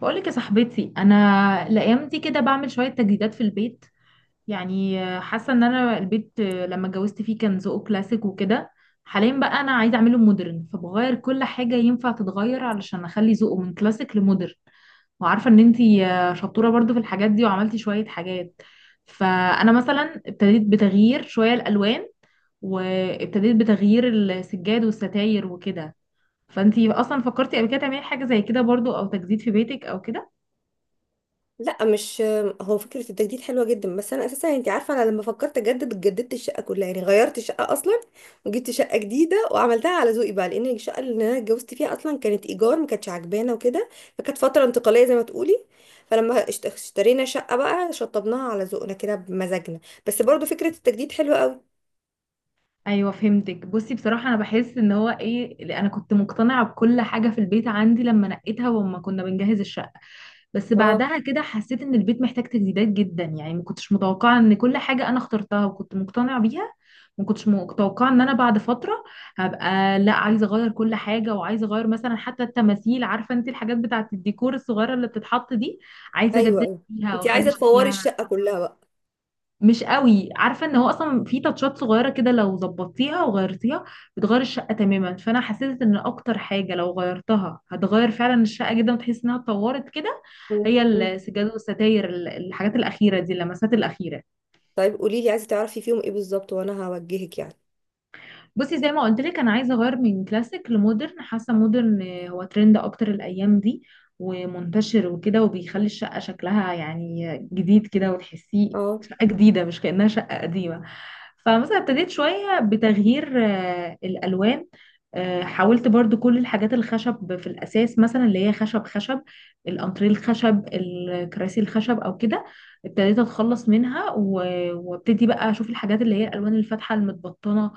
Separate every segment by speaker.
Speaker 1: بقولك يا صاحبتي، انا الايام دي كده بعمل شويه تجديدات في البيت. يعني حاسه ان انا البيت لما اتجوزت فيه كان ذوقه كلاسيك وكده. حاليا بقى انا عايزه اعمله مودرن، فبغير كل حاجه ينفع تتغير علشان اخلي ذوقه من كلاسيك لمودرن. وعارفه ان انتي شطوره برضو في الحاجات دي وعملتي شويه حاجات. فانا مثلا ابتديت بتغيير شويه الالوان، وابتديت بتغيير السجاد والستاير وكده. فانتي اصلا فكرتي قبل كده تعملي حاجه زي كده برضو، او تجديد في بيتك او كده؟
Speaker 2: لا، مش. هو فكرة التجديد حلوة جدا، بس أنا أساسا أنت عارفة، أنا لما فكرت أجدد جددت الشقة كلها، يعني غيرت الشقة أصلا وجبت شقة جديدة وعملتها على ذوقي بقى، لأن الشقة اللي أنا اتجوزت فيها أصلا كانت إيجار، ما كانتش عجبانا وكده. فكانت فترة انتقالية زي ما تقولي. فلما اشترينا شقة بقى شطبناها على ذوقنا كده بمزاجنا. بس برضو فكرة التجديد حلوة قوي.
Speaker 1: ايوه، فهمتك. بصي بصراحه انا بحس ان هو ايه اللي انا كنت مقتنعه بكل حاجه في البيت عندي لما نقيتها وما كنا بنجهز الشقه. بس
Speaker 2: اه.
Speaker 1: بعدها كده حسيت ان البيت محتاج تجديدات جدا، يعني ما كنتش متوقعه ان كل حاجه انا اخترتها وكنت مقتنعه بيها. ما كنتش متوقعه ان انا بعد فتره هبقى لا، عايزه اغير كل حاجه وعايزه اغير مثلا حتى التماثيل. عارفه انت الحاجات بتاعه الديكور الصغيره اللي بتتحط دي، عايزه
Speaker 2: أيوه،
Speaker 1: اجدد
Speaker 2: أيوه.
Speaker 1: فيها
Speaker 2: أنت
Speaker 1: واخلي
Speaker 2: عايزة تفوري
Speaker 1: شكلها.
Speaker 2: الشقة كلها بقى؟
Speaker 1: مش قوي، عارفه ان هو اصلا في تاتشات صغيره كده لو ظبطتيها وغيرتيها بتغير الشقه تماما. فانا حسيت ان اكتر حاجه لو غيرتها هتغير فعلا الشقه جدا وتحس انها اتطورت كده.
Speaker 2: مم.
Speaker 1: هي
Speaker 2: مم.
Speaker 1: السجاد والستاير الحاجات الاخيره دي اللمسات الاخيره.
Speaker 2: طيب قولي لي، عايزة تعرفي فيهم إيه بالظبط وأنا هوجهك يعني.
Speaker 1: بصي، زي ما قلت لك انا عايزه اغير من كلاسيك لمودرن. حاسه مودرن هو ترند اكتر الايام دي، ومنتشر وكده، وبيخلي الشقه شكلها يعني جديد كده وتحسيه
Speaker 2: اه.
Speaker 1: شقه جديده مش كانها شقه قديمه. فمثلا ابتديت شوية بتغيير الألوان. حاولت برضو كل الحاجات الخشب في الأساس، مثلا اللي هي خشب خشب، الأنتريه الخشب، الكراسي الخشب أو كده. ابتديت أتخلص منها وابتدي بقى أشوف الحاجات اللي هي الألوان الفاتحة المتبطنة.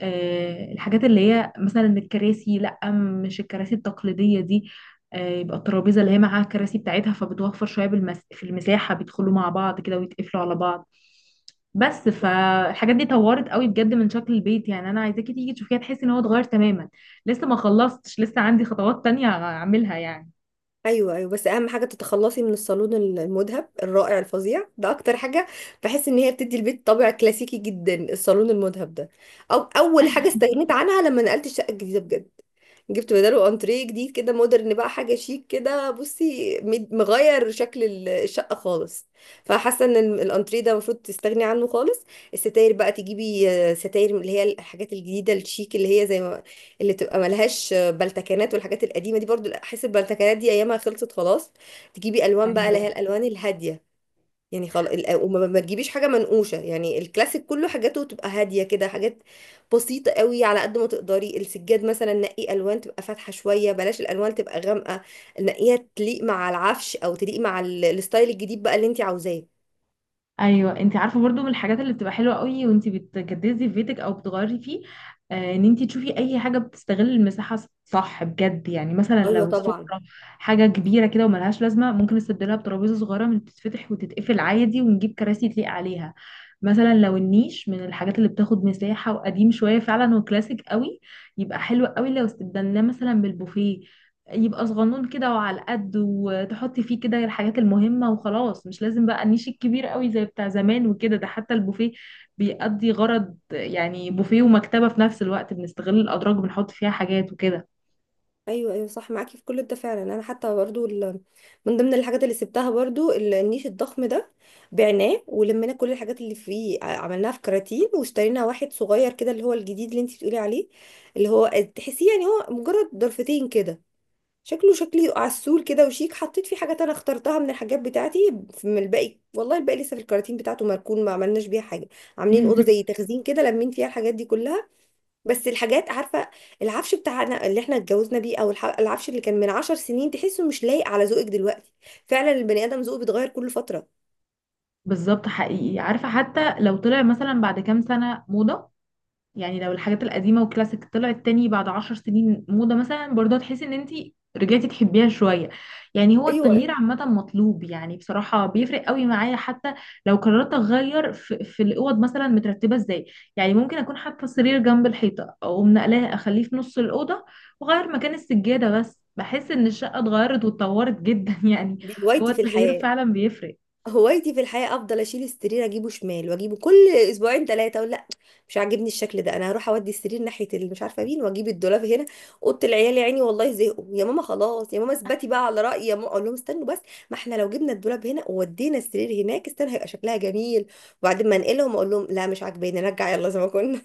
Speaker 1: الحاجات اللي هي مثلا الكراسي، لأ، مش الكراسي التقليدية دي. يبقى الترابيزة اللي هي معاها الكراسي بتاعتها فبتوفر شوية في المساحة، بيدخلوا مع بعض كده ويتقفلوا على بعض. بس فالحاجات دي طورت قوي بجد من شكل البيت، يعني انا عايزاكي تيجي تشوفيها تحسي ان هو اتغير تماما. لسه ما خلصتش، لسه عندي خطوات تانية اعملها يعني.
Speaker 2: ايوه، ايوه، بس اهم حاجه تتخلصي من الصالون المذهب الرائع الفظيع ده، اكتر حاجه بحس ان هي بتدي البيت طابع كلاسيكي جدا الصالون المذهب ده. او اول حاجه استغنيت عنها لما نقلت الشقه الجديده بجد، جبت بداله انتريه جديد كده مودرن بقى، حاجه شيك كده، بصي مغير شكل الشقه خالص. فحاسه ان الانتريه ده المفروض تستغني عنه خالص. الستاير بقى تجيبي ستاير من اللي هي الحاجات الجديده الشيك اللي هي زي ما، اللي تبقى ملهاش بلتكانات والحاجات القديمه دي، برضو احس البلتكانات دي ايامها خلصت خلاص. تجيبي الوان بقى اللي
Speaker 1: ايوه،
Speaker 2: هي الالوان الهاديه، يعني خلاص. وما ما تجيبيش حاجه منقوشه، يعني الكلاسيك كله حاجاته تبقى هاديه كده، حاجات بسيطه قوي على قد ما تقدري. السجاد مثلا نقي الوان تبقى فاتحه شويه، بلاش الالوان تبقى غامقه. نقيها تليق مع العفش او تليق مع الستايل الجديد بقى اللي انت عاوزاه.
Speaker 1: ايوه، انت عارفه برضو من الحاجات اللي بتبقى حلوه قوي وانت بتجددي في بيتك او بتغيري فيه، ان انت تشوفي اي حاجه بتستغل المساحه صح بجد، يعني مثلا
Speaker 2: ايوه،
Speaker 1: لو السفره
Speaker 2: طبعا.
Speaker 1: حاجه كبيره كده وملهاش لازمه، ممكن نستبدلها بترابيزه صغيره من بتتفتح وتتقفل عادي ونجيب كراسي تليق عليها. مثلا لو النيش من الحاجات اللي بتاخد مساحه وقديم شويه فعلا وكلاسيك قوي، يبقى حلو قوي لو استبدلناه مثلا بالبوفيه. يبقى صغنون كده وعلى قد، وتحطي فيه كده الحاجات المهمة وخلاص، مش لازم بقى النيش الكبير قوي زي بتاع زمان وكده. ده حتى البوفيه بيأدي غرض يعني بوفيه ومكتبة في نفس الوقت، بنستغل الأدراج بنحط فيها حاجات وكده.
Speaker 2: ايوه ايوه، صح معاكي في كل ده فعلا. انا حتى برضو من ضمن الحاجات اللي سبتها برضو النيش الضخم ده، بعناه ولمينا كل الحاجات اللي فيه، عملناها في كراتين واشترينا واحد صغير كده، اللي هو الجديد اللي انتي بتقولي عليه. اللي هو تحسيه يعني هو مجرد ضرفتين كده، شكله شكلي عسول كده وشيك. حطيت فيه حاجات انا اخترتها من الحاجات بتاعتي من الباقي، والله الباقي لسه في الكراتين بتاعته مركون ما عملناش بيها حاجه. عاملين اوضه زي تخزين كده لمين فيها الحاجات دي كلها. بس الحاجات، عارفه، العفش بتاعنا اللي احنا اتجوزنا بيه، او العفش اللي كان من عشر سنين، تحسه مش لايق على ذوقك دلوقتي. فعلا البني ادم ذوقه بيتغير كل فتره.
Speaker 1: بالظبط، حقيقي. عارفة حتى لو طلع مثلا بعد كام سنة موضة، يعني لو الحاجات القديمة والكلاسيك طلعت تاني بعد 10 سنين موضة مثلا، برضه هتحسي ان انتي رجعتي تحبيها شوية. يعني هو
Speaker 2: ايوه،
Speaker 1: التغيير
Speaker 2: ايوه.
Speaker 1: عامة مطلوب، يعني بصراحة بيفرق قوي معايا حتى لو قررت اغير في الاوض مثلا مترتبة ازاي. يعني ممكن اكون حاطة السرير جنب الحيطة، او منقلاه اخليه في نص الأوضة واغير مكان السجادة، بس بحس ان الشقة اتغيرت واتطورت جدا يعني.
Speaker 2: دي
Speaker 1: هو
Speaker 2: هوايتي في
Speaker 1: التغيير
Speaker 2: الحياه،
Speaker 1: فعلا بيفرق.
Speaker 2: هوايتي في الحياة افضل اشيل السرير اجيبه شمال واجيبه كل اسبوعين ثلاثة اقول لا، مش عاجبني الشكل ده، انا هروح اودي السرير ناحية اللي مش عارفة مين واجيب الدولاب هنا. اوضة العيال يا عيني والله زهقوا، يا ماما خلاص، يا ماما اثبتي بقى على رأيي، يا ماما اقول لهم استنوا بس، ما احنا لو جبنا الدولاب هنا وودينا السرير هناك استنى هيبقى شكلها جميل، وبعدين ما انقلهم اقول لهم لا مش عاجباني، نرجع يلا زي ما كنا.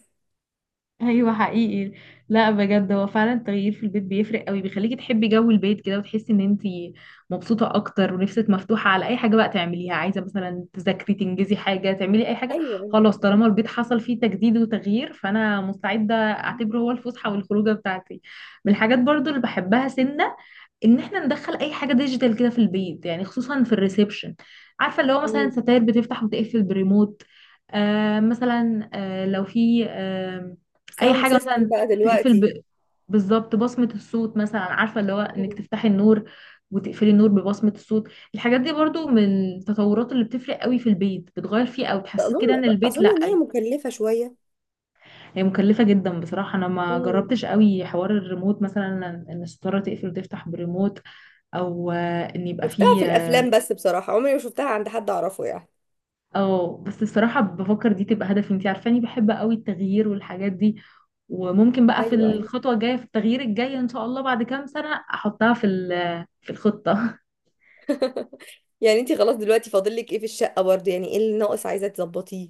Speaker 1: ايوه، حقيقي. لا بجد، هو فعلا التغيير في البيت بيفرق قوي، بيخليكي تحبي جو البيت كده وتحسي ان انتي مبسوطه اكتر ونفسك مفتوحه على اي حاجه بقى تعمليها، عايزه مثلا تذاكري تنجزي حاجه تعملي اي حاجه.
Speaker 2: ايوه.
Speaker 1: خلاص، طالما البيت حصل فيه تجديد وتغيير، فانا مستعده اعتبره هو الفسحه والخروجه بتاعتي. من الحاجات برضو اللي بحبها سنه، ان احنا ندخل اي حاجه ديجيتال كده في البيت يعني، خصوصا في الريسبشن. عارفه اللي هو مثلا ستاير بتفتح وتقفل بريموت. مثلا لو في اي
Speaker 2: ساوند
Speaker 1: حاجه
Speaker 2: سيستم
Speaker 1: مثلا
Speaker 2: بقى
Speaker 1: تقفل
Speaker 2: دلوقتي.
Speaker 1: بالظبط بصمه الصوت مثلا. عارفه اللي هو انك
Speaker 2: مم.
Speaker 1: تفتحي النور وتقفلي النور ببصمه الصوت. الحاجات دي برضو من التطورات اللي بتفرق قوي في البيت، بتغير فيه او بتحسسك كده ان
Speaker 2: اظن،
Speaker 1: البيت لا.
Speaker 2: ان هي مكلفة شوية.
Speaker 1: هي مكلفه جدا بصراحه، انا ما جربتش قوي حوار الريموت مثلا، ان الستاره تقفل وتفتح بريموت، او ان يبقى
Speaker 2: شفتها
Speaker 1: فيه
Speaker 2: في
Speaker 1: آه،
Speaker 2: الافلام بس بصراحه عمري ما شفتها عند حد اعرفه يعني.
Speaker 1: اه، بس الصراحة بفكر دي تبقى هدفي. انتي عارفاني بحب قوي التغيير والحاجات دي، وممكن بقى في
Speaker 2: ايوه، ايوه.
Speaker 1: الخطوة الجاية في التغيير الجاي ان شاء الله بعد كام سنة احطها في الخطة.
Speaker 2: يعني انتي خلاص دلوقتي فاضل لك ايه في الشقه برضه؟ يعني ايه اللي ناقص عايزه تظبطيه؟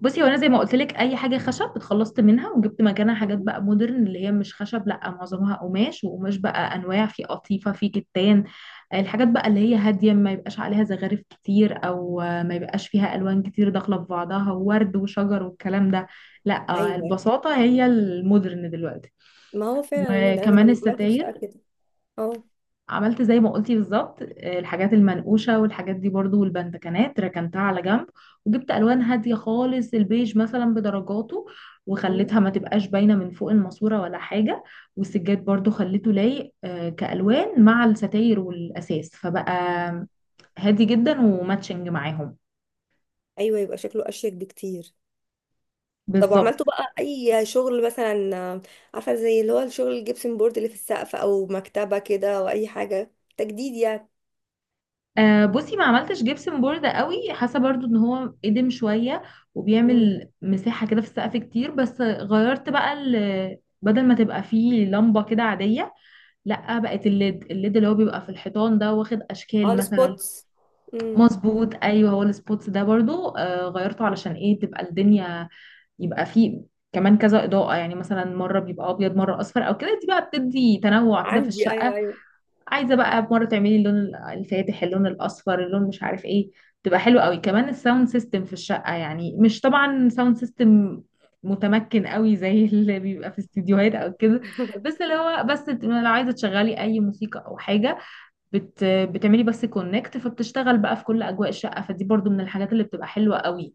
Speaker 1: بصي، هو انا زي ما قلت لك، اي حاجه خشب اتخلصت منها وجبت مكانها حاجات
Speaker 2: مم.
Speaker 1: بقى مودرن اللي هي مش خشب، لا، معظمها قماش، وقماش بقى انواع، في قطيفه في كتان. الحاجات بقى اللي هي هاديه ما يبقاش عليها زخارف كتير، او ما يبقاش فيها الوان كتير داخله في بعضها وورد وشجر والكلام ده. لا،
Speaker 2: ايوه.
Speaker 1: البساطه هي المودرن دلوقتي.
Speaker 2: ما هو فعلا المود، انا
Speaker 1: وكمان
Speaker 2: لما عملت الشقه
Speaker 1: الستاير
Speaker 2: كده. اه.
Speaker 1: عملت زي ما قلتي بالظبط، الحاجات المنقوشة والحاجات دي برضو والبندكنات ركنتها على جنب. وجبت ألوان هادية خالص، البيج مثلا بدرجاته،
Speaker 2: مم.
Speaker 1: وخليتها ما تبقاش باينة من فوق الماسورة ولا حاجة. والسجاد برضو خليته لايق كألوان مع الستاير والأساس، فبقى هادي جدا وماتشنج معاهم.
Speaker 2: ايوه، يبقى شكله اشيك بكتير. طب
Speaker 1: بالظبط.
Speaker 2: وعملتوا بقى اي شغل مثلا، عارفه زي اللي هو الشغل الجبسن بورد اللي في السقف، او مكتبه كده، او اي حاجه تجديد يعني؟
Speaker 1: بصي ما عملتش جبسن بورد قوي، حاسه برضو ان هو قدم شويه
Speaker 2: مم.
Speaker 1: وبيعمل مساحه كده في السقف كتير. بس غيرت بقى بدل ما تبقى فيه لمبه كده عاديه، لا، بقت الليد اللي هو بيبقى في الحيطان ده واخد
Speaker 2: اه،
Speaker 1: اشكال مثلا.
Speaker 2: السبوتس. مم.
Speaker 1: مظبوط، ايوه. هو السبوتس ده برضو غيرته علشان ايه تبقى الدنيا، يبقى فيه كمان كذا اضاءه، يعني مثلا مره بيبقى ابيض مره اصفر او كده، دي بقى بتدي تنوع كده في
Speaker 2: عندي، ايوه
Speaker 1: الشقه.
Speaker 2: ايوه.
Speaker 1: عايزه بقى مره تعملي اللون الفاتح، اللون الاصفر، اللون مش عارف ايه، تبقى حلوه قوي. كمان الساوند سيستم في الشقه، يعني مش طبعا ساوند سيستم متمكن قوي زي اللي بيبقى في استديوهات او كده. بس اللي هو، بس لو عايزه تشغلي اي موسيقى او حاجه، بتعملي بس كونكت، فبتشتغل بقى في كل اجواء الشقه، فدي برضو من الحاجات اللي بتبقى حلوه قوي.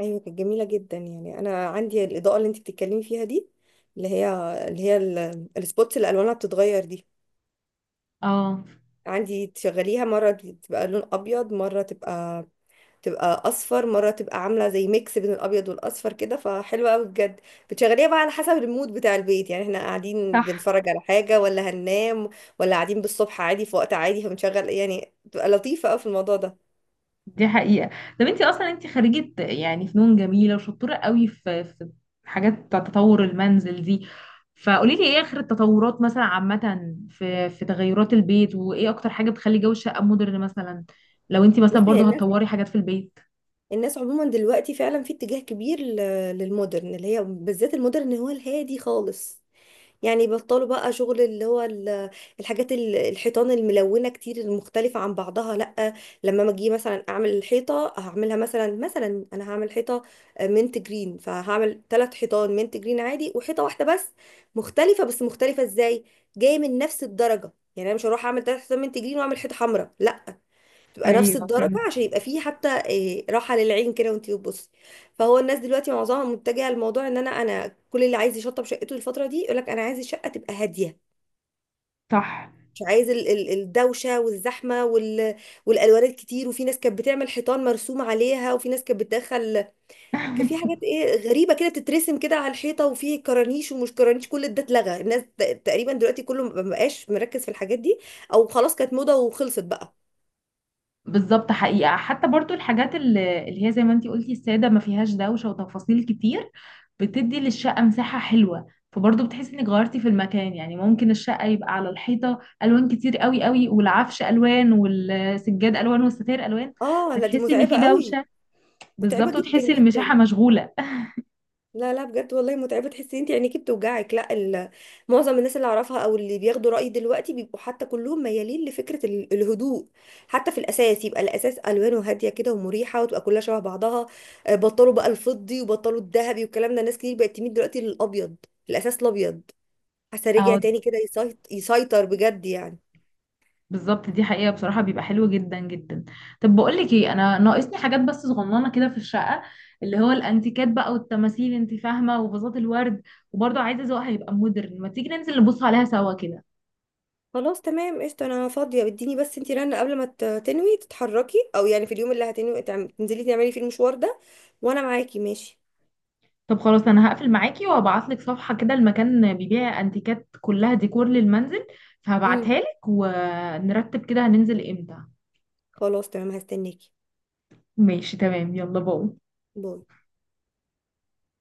Speaker 2: ايوه، كانت جميله جدا. يعني انا عندي الاضاءه اللي انت بتتكلمي فيها دي، اللي هي اللي هي السبوتس اللي الوانها بتتغير دي.
Speaker 1: اه،
Speaker 2: عندي تشغليها مره تبقى لون ابيض، مره تبقى اصفر، مره تبقى عامله زي ميكس بين الابيض والاصفر كده، فحلوه قوي بجد. بتشغليها بقى على حسب المود بتاع البيت، يعني احنا قاعدين
Speaker 1: صح،
Speaker 2: بنتفرج على حاجه ولا هننام، ولا قاعدين بالصبح عادي في وقت عادي فبنشغل. يعني بتبقى لطيفه قوي في الموضوع ده.
Speaker 1: دي حقيقة. طب انت اصلا، انت خريجة يعني فنون جميلة وشطورة قوي في حاجات بتاع تطور المنزل دي. فقولي لي ايه اخر التطورات مثلا عامة في تغيرات البيت، وايه اكتر حاجة بتخلي جو الشقة مودرن مثلا، لو انت مثلا
Speaker 2: بصي
Speaker 1: برضو
Speaker 2: يعني،
Speaker 1: هتطوري حاجات في البيت.
Speaker 2: الناس عموما دلوقتي فعلا في اتجاه كبير للمودرن، اللي هي بالذات المودرن هو الهادي خالص. يعني بطلوا بقى شغل اللي هو الحاجات الحيطان الملونة كتير المختلفة عن بعضها، لأ. لما ما اجي مثلا اعمل الحيطة هعملها، مثلا انا هعمل حيطة منت جرين، فهعمل ثلاث حيطان منت جرين عادي وحيطة واحدة بس مختلفة. بس مختلفة ازاي؟ جاية من نفس الدرجة، يعني انا مش هروح اعمل ثلاث حيطان منت جرين واعمل حيطة حمراء لا، تبقى نفس
Speaker 1: ايوه،
Speaker 2: الدرجة
Speaker 1: فهمت،
Speaker 2: عشان يبقى فيه حتى راحة للعين كده وانتي بتبصي. فهو الناس دلوقتي معظمها متجهة لموضوع ان انا كل اللي عايز يشطب شقته الفترة دي يقولك انا عايز الشقة تبقى هادية.
Speaker 1: صح.
Speaker 2: مش عايز الدوشة والزحمة والألوان الكتير. وفي ناس كانت بتعمل حيطان مرسوم عليها، وفي ناس كانت بتدخل، كان في حاجات ايه غريبة كده بتترسم كده على الحيطة، وفي كرانيش ومش كرانيش. كل ده اتلغى. الناس تقريبا دلوقتي كله مبقاش مركز في الحاجات دي، او خلاص كانت موضة وخلصت بقى.
Speaker 1: بالظبط، حقيقة، حتى برضو الحاجات اللي هي زي ما انتي قلتي السادة ما فيهاش دوشة وتفاصيل كتير، بتدي للشقة مساحة حلوة، فبرضو بتحسي انك غيرتي في المكان. يعني ممكن الشقة يبقى على الحيطة ألوان كتير قوي قوي والعفش ألوان والسجاد ألوان والستاير ألوان،
Speaker 2: اه لا، دي
Speaker 1: فتحسي ان في
Speaker 2: متعبة قوي،
Speaker 1: دوشة.
Speaker 2: متعبة
Speaker 1: بالظبط،
Speaker 2: جدا
Speaker 1: وتحسي
Speaker 2: جدا.
Speaker 1: المساحة مشغولة.
Speaker 2: لا لا، بجد والله متعبة، تحسي انت عينيكي بتوجعك. لا. معظم الناس اللي اعرفها او اللي بياخدوا رأيي دلوقتي بيبقوا حتى كلهم ميالين لفكرة الهدوء. حتى في الاساس يبقى الاساس الوانه هادية كده ومريحة وتبقى كلها شبه بعضها. بطلوا بقى الفضي وبطلوا الذهبي والكلام ده، ناس كتير بقت تميل دلوقتي للابيض. الاساس الابيض، حاسة رجع
Speaker 1: أو،
Speaker 2: تاني كده يسيطر بجد يعني.
Speaker 1: بالظبط. دي حقيقة بصراحة، بيبقى حلو جدا جدا. طب بقولك ايه، انا ناقصني حاجات بس صغننة كده في الشقة، اللي هو الانتيكات بقى والتماثيل انت فاهمة، وفازات الورد، وبرضه عايزة ذوقها يبقى مودرن، ما تيجي ننزل نبص عليها سوا كده.
Speaker 2: خلاص تمام قشطة، انا فاضية. اديني بس انتي رنة قبل ما تنوي تتحركي، او يعني في اليوم اللي هتنوي تنزلي تعملي فيه المشوار ده، وانا معاكي ماشي.
Speaker 1: طب خلاص، انا هقفل معاكي وهبعتلك صفحة كده المكان بيبيع انتيكات كلها ديكور للمنزل،
Speaker 2: امم
Speaker 1: فهبعتها لك ونرتب كده هننزل امتى.
Speaker 2: خلاص تمام هستناكي.
Speaker 1: ماشي، تمام، يلا باي.
Speaker 2: باي.